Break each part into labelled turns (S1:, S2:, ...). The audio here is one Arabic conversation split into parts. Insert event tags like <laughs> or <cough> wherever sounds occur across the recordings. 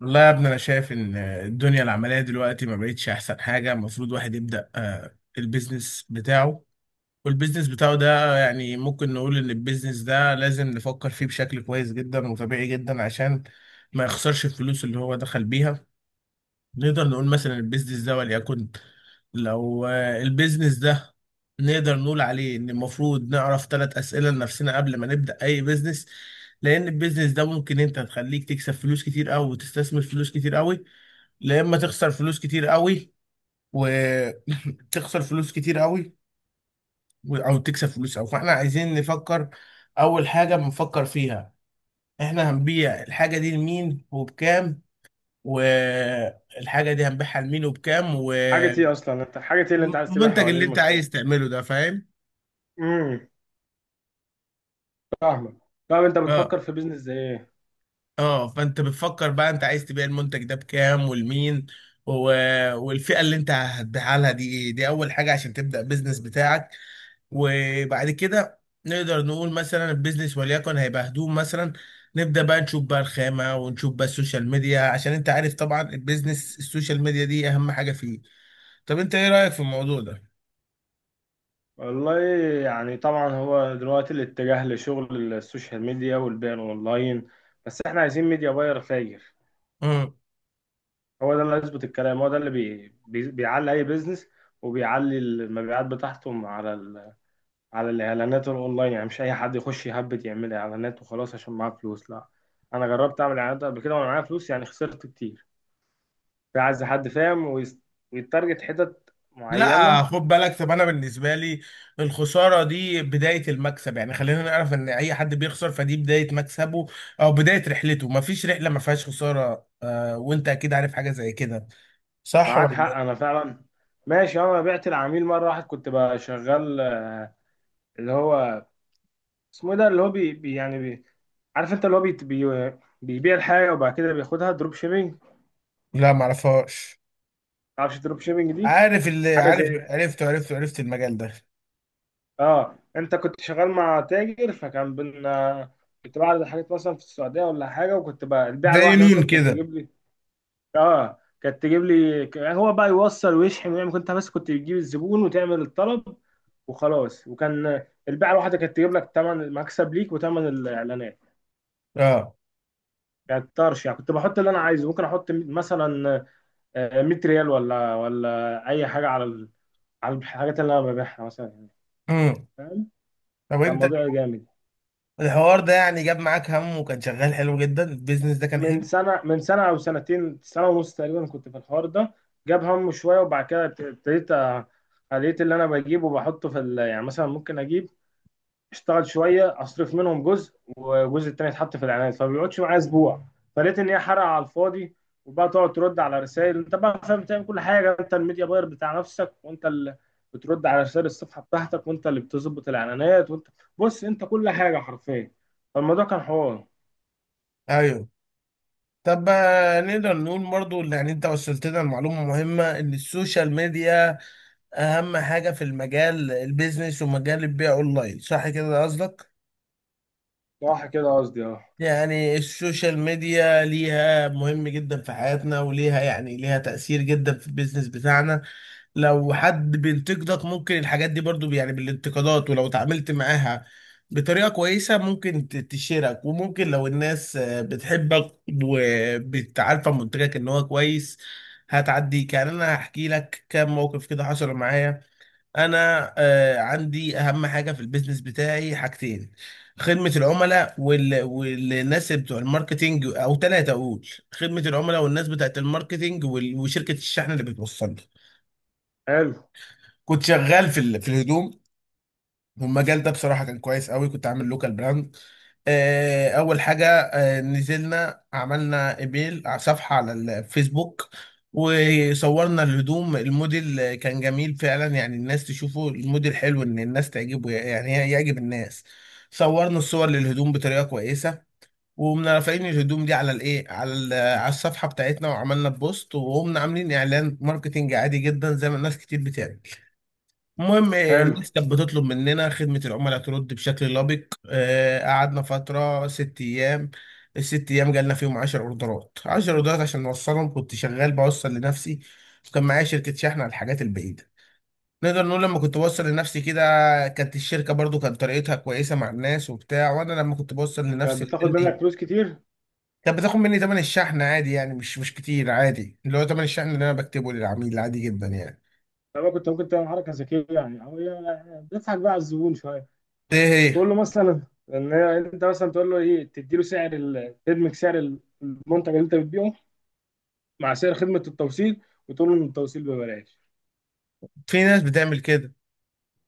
S1: والله يا ابني، انا شايف ان الدنيا العمليه دلوقتي ما بقتش احسن حاجه. المفروض واحد يبدا البيزنس بتاعه. والبيزنس بتاعه ده يعني ممكن نقول ان البيزنس ده لازم نفكر فيه بشكل كويس جدا وطبيعي جدا عشان ما يخسرش الفلوس اللي هو دخل بيها. نقدر نقول مثلا البيزنس ده وليكن، لو البيزنس ده، نقدر نقول عليه ان المفروض نعرف ثلاث اسئله لنفسنا قبل ما نبدا اي بيزنس. لان البيزنس ده ممكن انت تخليك تكسب فلوس كتير قوي وتستثمر فلوس كتير قوي، لا اما تخسر فلوس كتير قوي، وتخسر <laughs> فلوس كتير قوي او تكسب فلوس قوي. فاحنا عايزين نفكر. اول حاجه بنفكر فيها، احنا هنبيع الحاجه دي لمين وبكام؟ والحاجه دي هنبيعها لمين وبكام؟
S2: حاجة ايه اللي انت عايز تبيعها
S1: والمنتج
S2: ولا ايه
S1: اللي انت
S2: المشروع؟
S1: عايز تعمله ده، فاهم؟
S2: امم فاهمك. طب انت
S1: اه.
S2: بتفكر في بيزنس زي ايه؟
S1: اه، فانت بتفكر بقى انت عايز تبيع المنتج ده بكام ولمين، و... والفئه اللي انت هتبيعها لها دي ايه؟ دي اول حاجه عشان تبدا بيزنس بتاعك. وبعد كده نقدر نقول مثلا البيزنس وليكن هيبقى هدوم مثلا. نبدأ بقى نشوف بقى الخامة ونشوف بقى السوشيال ميديا، عشان انت عارف طبعا البيزنس السوشيال ميديا دي اهم حاجة فيه. طب انت ايه رأيك في الموضوع ده؟
S2: والله، يعني طبعا هو دلوقتي الاتجاه لشغل السوشيال ميديا والبيع اونلاين، بس احنا عايزين ميديا باير فاير.
S1: مم.
S2: هو ده اللي هيظبط الكلام، هو ده اللي بيعلي اي بيزنس، وبيعلي المبيعات بتاعتهم على الاعلانات الاونلاين. يعني مش اي حد يخش يهبد يعمل اعلانات وخلاص عشان معاه فلوس، لا. انا جربت اعمل اعلانات قبل كده وانا معايا فلوس، يعني خسرت كتير. في عايز حد فاهم ويتارجت حتت
S1: لا،
S2: معينة.
S1: خد بالك. طب انا بالنسبة لي الخسارة دي بداية المكسب. يعني خلينا نعرف ان اي حد بيخسر فدي بداية مكسبه، او بداية رحلته. مفيش رحلة ما فيهاش خسارة، آه، وانت اكيد عارف حاجة زي كده. صح
S2: معاك
S1: ولا؟
S2: حق، أنا فعلا ماشي. أه، أنا بعت العميل مرة واحد، كنت بقى شغال اللي هو اسمه إيه ده، اللي هو بي بي يعني بي، عارف أنت اللي هو بي بي، بيبيع الحاجة وبعد كده بياخدها دروب شيبينج.
S1: لا، معرفهاش.
S2: معرفش دروب شيبينج دي،
S1: عارف اللي
S2: حاجة زي.
S1: عارف، عرفته عرفته، عرفت المجال ده.
S2: آه، أنت كنت شغال مع تاجر، فكان بينا كنت بعرض الحاجات مثلا في السعودية ولا حاجة، وكنت بقى البيعة
S1: زي
S2: الواحدة
S1: نون
S2: مثلا كانت
S1: كده.
S2: تجيب لي. اه، كانت تجيب لي، هو بقى يوصل ويشحن ويعمل، كنت بس كنت بتجيب الزبون وتعمل الطلب وخلاص. وكان البيعه الواحده كانت تجيب لك ثمن المكسب ليك وثمن الاعلانات،
S1: اه.
S2: كانت طرش يعني. كنت بحط اللي انا عايزه، ممكن احط مثلا آه، 100 ريال ولا اي حاجه على الحاجات اللي انا ببيعها مثلا يعني.
S1: امم.
S2: فاهم.
S1: طب
S2: كان
S1: انت
S2: موضوع جامد.
S1: الحوار ده يعني جاب معاك هم، وكان شغال حلو جدا. البيزنس ده كان
S2: من
S1: حلو.
S2: سنه، من سنه او سنتين، سنه ونص تقريبا كنت في الحوار ده. جاب هم شويه، وبعد كده ابتديت، لقيت اللي انا بجيبه وبحطه يعني مثلا، ممكن اجيب اشتغل شويه، اصرف منهم جزء والجزء التاني يتحط في الاعلانات، فما بيقعدش معايا اسبوع. فلقيت ان هي حرقه على الفاضي. وبقى تقعد ترد على رسائل، انت بقى فاهم، بتعمل كل حاجه، انت الميديا باير بتاع نفسك، وانت اللي بترد على رسائل الصفحه بتاعتك، وانت اللي بتظبط الاعلانات، وانت بص انت كل حاجه حرفيا. فالموضوع كان حوار.
S1: ايوه. طب نقدر نقول برضو اللي يعني انت وصلت لنا المعلومة مهمة، ان السوشيال ميديا اهم حاجة في المجال البيزنس ومجال البيع اونلاين. صح كده، ده قصدك؟
S2: صح كده قصدي، اه.
S1: يعني السوشيال ميديا ليها مهم جدا في حياتنا، وليها يعني ليها تأثير جدا في البيزنس بتاعنا. لو حد بينتقدك ممكن الحاجات دي برضو يعني بالانتقادات، ولو اتعاملت معاها بطريقة كويسة ممكن تشيرك. وممكن لو الناس بتحبك، وبتعرف منتجك ان هو كويس، هتعديك. يعني انا هحكي لك كام موقف كده حصل معايا. انا عندي اهم حاجة في البيزنس بتاعي حاجتين: خدمة العملاء والناس بتوع الماركتينج. او ثلاثة، اقول خدمة العملاء، والناس بتاعت الماركتينج، وشركة الشحن اللي بتوصل.
S2: حلو.
S1: كنت شغال في الهدوم، والمجال ده بصراحه كان كويس قوي. كنت عامل لوكال براند. اول حاجه، نزلنا عملنا ايميل على صفحه على الفيسبوك، وصورنا الهدوم. الموديل كان جميل فعلا، يعني الناس تشوفه الموديل حلو، ان الناس تعجبه يعني يعجب الناس. صورنا الصور للهدوم بطريقه كويسه، وقمنا رافعين الهدوم دي على الايه، على على الصفحه بتاعتنا، وعملنا بوست، وقمنا عاملين اعلان ماركتينج عادي جدا زي ما الناس كتير بتعمل. المهم
S2: حلو.
S1: الناس كانت بتطلب مننا، خدمة العملاء ترد بشكل لبق. قعدنا فترة ست أيام. الست أيام جالنا فيهم عشر أوردرات. عشر أوردرات عشان نوصلهم كنت شغال بوصل لنفسي. وكان معايا شركة شحن على الحاجات البعيدة. نقدر نقول لما كنت بوصل لنفسي كده، كانت الشركة برضو كانت طريقتها كويسة مع الناس وبتاع. وأنا لما كنت بوصل
S2: كانت
S1: لنفسي
S2: بتاخد منك
S1: اللي
S2: فلوس كتير.
S1: كانت بتاخد مني تمن الشحن عادي، يعني مش كتير، عادي، اللي هو تمن الشحن اللي أنا بكتبه للعميل عادي جدا يعني.
S2: طب كنت ممكن تعمل حركه ذكيه يعني، او يعني بتضحك بقى على الزبون شويه،
S1: إيه؟ هي،
S2: تقول له مثلا، ان انت مثلا تقول له ايه، تديله سعر تدمج سعر المنتج اللي انت بتبيعه مع سعر خدمه التوصيل، وتقول له ان التوصيل ببلاش.
S1: في ناس بتعمل كده.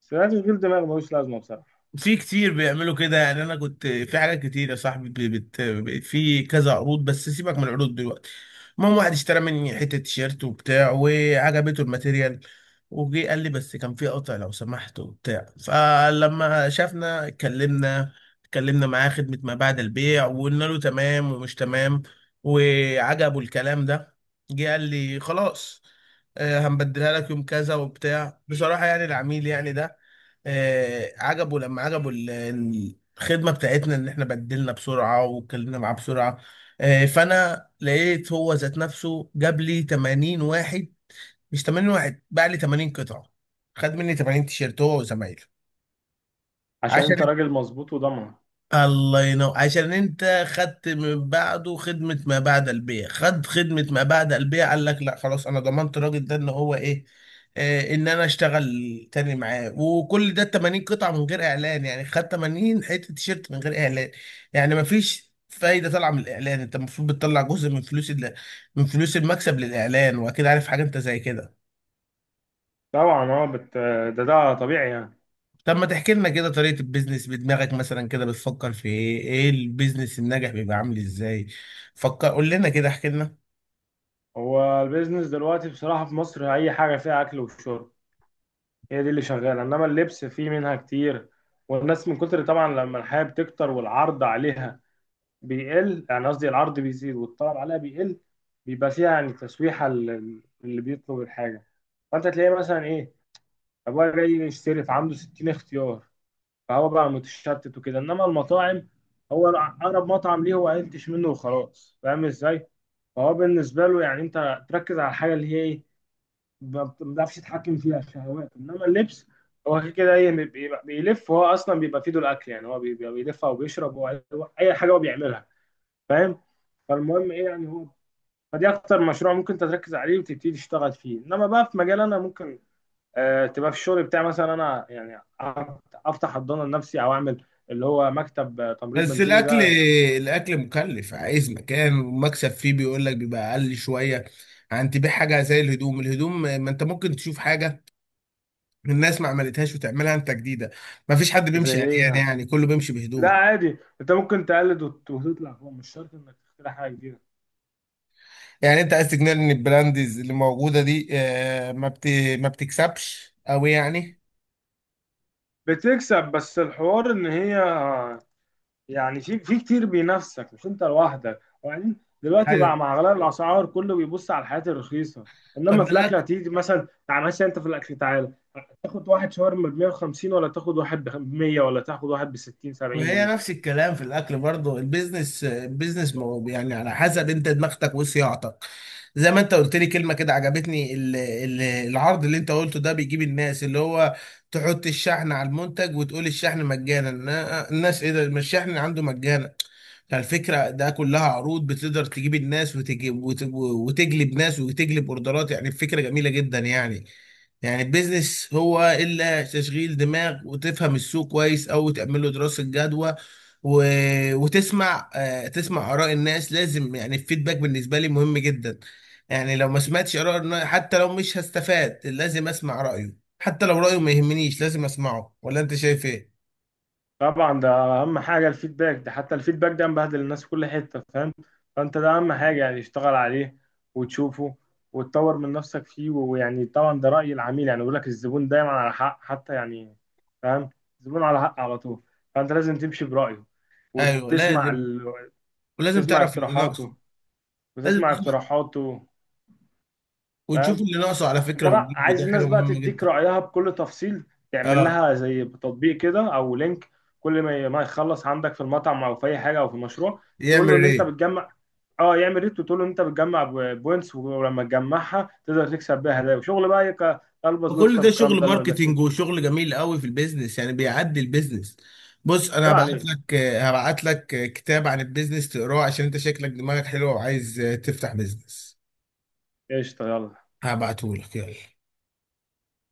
S2: بس ده تشغيل دماغ ملوش لازمه بصراحه.
S1: في كتير بيعملوا كده. يعني انا كنت في حاجات كتير يا صاحبي، في كذا عروض، بس سيبك من العروض دلوقتي. المهم، واحد اشترى مني حته تيشيرت وبتاع، وعجبته الماتيريال، وجي قال لي بس كان في قطع لو سمحت وبتاع. فلما شافنا، اتكلمنا معاه خدمه ما بعد البيع، وقلنا له تمام ومش تمام، وعجبه الكلام ده. جه قال لي خلاص، هنبدلها لك يوم كذا وبتاع. بصراحه يعني العميل يعني ده عجبه. لما عجبه الخدمه بتاعتنا ان احنا بدلنا بسرعه واتكلمنا معاه بسرعه، فانا لقيت هو ذات نفسه جاب لي 80 واحد. مش 80 واحد، باع لي 80 قطعه. خد مني 80 تيشيرت هو وزمايله.
S2: عشان
S1: عشان،
S2: انت راجل مظبوط وضمن.
S1: الله ينور، عشان انت خدت من بعده خدمة ما بعد البيع. خد خدمة ما بعد البيع، قال لك لا خلاص، انا ضمنت الراجل ده ان هو ايه، ان انا اشتغل تاني معاه. وكل ده 80 قطعة من غير اعلان. يعني خد 80 حتة تيشيرت من غير اعلان. يعني مفيش فايدة طالعة من الاعلان. انت المفروض بتطلع جزء من فلوس من فلوس المكسب للاعلان. واكيد عارف حاجة انت زي كده.
S2: طبعا اه، ده طبيعي يعني.
S1: طب ما تحكي لنا كده طريقة البيزنس بدماغك، مثلا كده بتفكر في ايه؟ ايه البيزنس الناجح بيبقى عامل ازاي؟ فكر، قول لنا كده، احكي لنا.
S2: هو البيزنس دلوقتي بصراحة في مصر، أي حاجة فيها أكل وشرب، هي دي اللي شغالة، إنما اللبس فيه منها كتير. والناس من كتر طبعا لما الحياة بتكتر، والعرض عليها بيقل، يعني قصدي العرض بيزيد والطلب عليها بيقل، بيبقى فيها يعني تسويحة اللي بيطلب الحاجة. فأنت تلاقيه مثلا إيه، أبويا جاي يشتري فعنده 60 اختيار، فهو بقى متشتت وكده. إنما المطاعم، هو أقرب مطعم ليه هو قلتش منه وخلاص، فاهم إزاي؟ فهو بالنسبة له، يعني أنت تركز على الحاجة اللي هي إيه، ما بتعرفش تتحكم فيها الشهوات. إنما اللبس هو كده كده إيه بيلف، هو أصلا بيبقى في ايده الأكل يعني، هو بيبقى بيلف أو بيشرب أو أي حاجة هو بيعملها. فاهم. فالمهم ايه يعني هو، فدي اكتر مشروع ممكن انت تركز عليه وتبتدي تشتغل فيه. انما بقى في مجال انا ممكن آه تبقى في الشغل بتاعي مثلا، انا يعني افتح حضانه لنفسي، او اعمل اللي هو مكتب، آه، تمريض
S1: بس
S2: منزلي
S1: الاكل،
S2: ده يعني.
S1: الاكل مكلف، عايز مكان، ومكسب فيه بيقول لك بيبقى اقل شوية عن تبيع حاجة زي الهدوم. الهدوم، ما انت ممكن تشوف حاجة الناس ما عملتهاش وتعملها انت جديدة. ما فيش حد
S2: زي
S1: بيمشي
S2: ايه
S1: عريان
S2: يعني؟
S1: يعني، كله بيمشي
S2: لا
S1: بهدوم.
S2: عادي، انت ممكن تقلد وتطلع، هو مش شرط انك تخترع حاجه جديده.
S1: يعني انت عايز تقنعني ان البراندز اللي موجودة دي، ما بتكسبش، او يعني؟
S2: بتكسب، بس الحوار ان هي، يعني في كتير بينافسك مش انت لوحدك. وبعدين دلوقتي بقى
S1: ايوه.
S2: مع اغلى الاسعار، كله بيبص على الحاجات الرخيصه.
S1: طب
S2: انما
S1: ما
S2: في الاكل،
S1: الاكل،
S2: هتيجي مثلا تعال مثلا، انت في الاكل تعالى تاخد واحد شاورما ب 150، ولا تاخد واحد ب 100، ولا تاخد واحد ب 60 70
S1: وهي
S2: جنيه
S1: نفس الكلام في الاكل برضه. البيزنس يعني على حسب انت دماغتك وصياعتك. زي ما انت قلت لي كلمه كده عجبتني، العرض اللي انت قلته ده بيجيب الناس، اللي هو تحط الشحن على المنتج وتقول الشحن مجانا. الناس ايه ده، ما الشحن عنده مجانا. فالفكره ده كلها عروض بتقدر تجيب الناس، وتجيب وتجلب ناس، وتجلب اوردرات. يعني الفكره جميله جدا يعني. يعني البيزنس هو الا تشغيل دماغ، وتفهم السوق كويس، او تعمل له دراسه جدوى، و... وتسمع، تسمع اراء الناس. لازم، يعني الفيدباك بالنسبه لي مهم جدا. يعني لو ما سمعتش اراء حتى لو مش هستفاد لازم اسمع رايه. حتى لو رايه ما يهمنيش لازم اسمعه. ولا انت شايف ايه؟
S2: طبعا ده اهم حاجه الفيدباك ده، حتى الفيدباك ده مبهدل الناس في كل حته، فاهم. فانت ده اهم حاجه، يعني اشتغل عليه وتشوفه وتطور من نفسك فيه. ويعني طبعا ده راي العميل، يعني بيقول لك الزبون دايما على حق، حتى يعني فاهم، الزبون على حق على طول. فانت لازم تمشي برايه،
S1: ايوه
S2: وتسمع
S1: لازم.
S2: ال...
S1: ولازم
S2: تسمع
S1: تعرف اللي ناقصه.
S2: اقتراحاته،
S1: لازم
S2: وتسمع
S1: تشوف-
S2: اقتراحاته
S1: وتشوف
S2: فاهم.
S1: اللي ناقصه على
S2: انت
S1: فكره
S2: بقى
S1: وتجيبه،
S2: عايز
S1: ده حاجه
S2: الناس بقى
S1: مهمه
S2: تديك
S1: جدا.
S2: رأيها بكل تفصيل، تعمل
S1: اه.
S2: لها زي تطبيق كده او لينك. كل ما يخلص عندك في المطعم او في اي حاجه او في المشروع، تقول له
S1: يعمل
S2: ان انت
S1: ايه؟
S2: بتجمع. اه يعمل ريت، وتقول له ان انت بتجمع بوينتس، ولما تجمعها تقدر تكسب بيها هدايا. وشغل بقى، يبقى البس
S1: فكل
S2: ويكسب،
S1: ده
S2: والكلام
S1: شغل
S2: ده اللي ما
S1: ماركتينج
S2: بياكلش.
S1: وشغل جميل قوي في البيزنس. يعني بيعدي البيزنس. بص، انا
S2: عيب
S1: هبعت
S2: عليك.
S1: لك هبعت لك كتاب عن البيزنس تقراه عشان انت شكلك دماغك حلوه وعايز تفتح بيزنس.
S2: قشطه، يلا.
S1: هبعته لك يلا.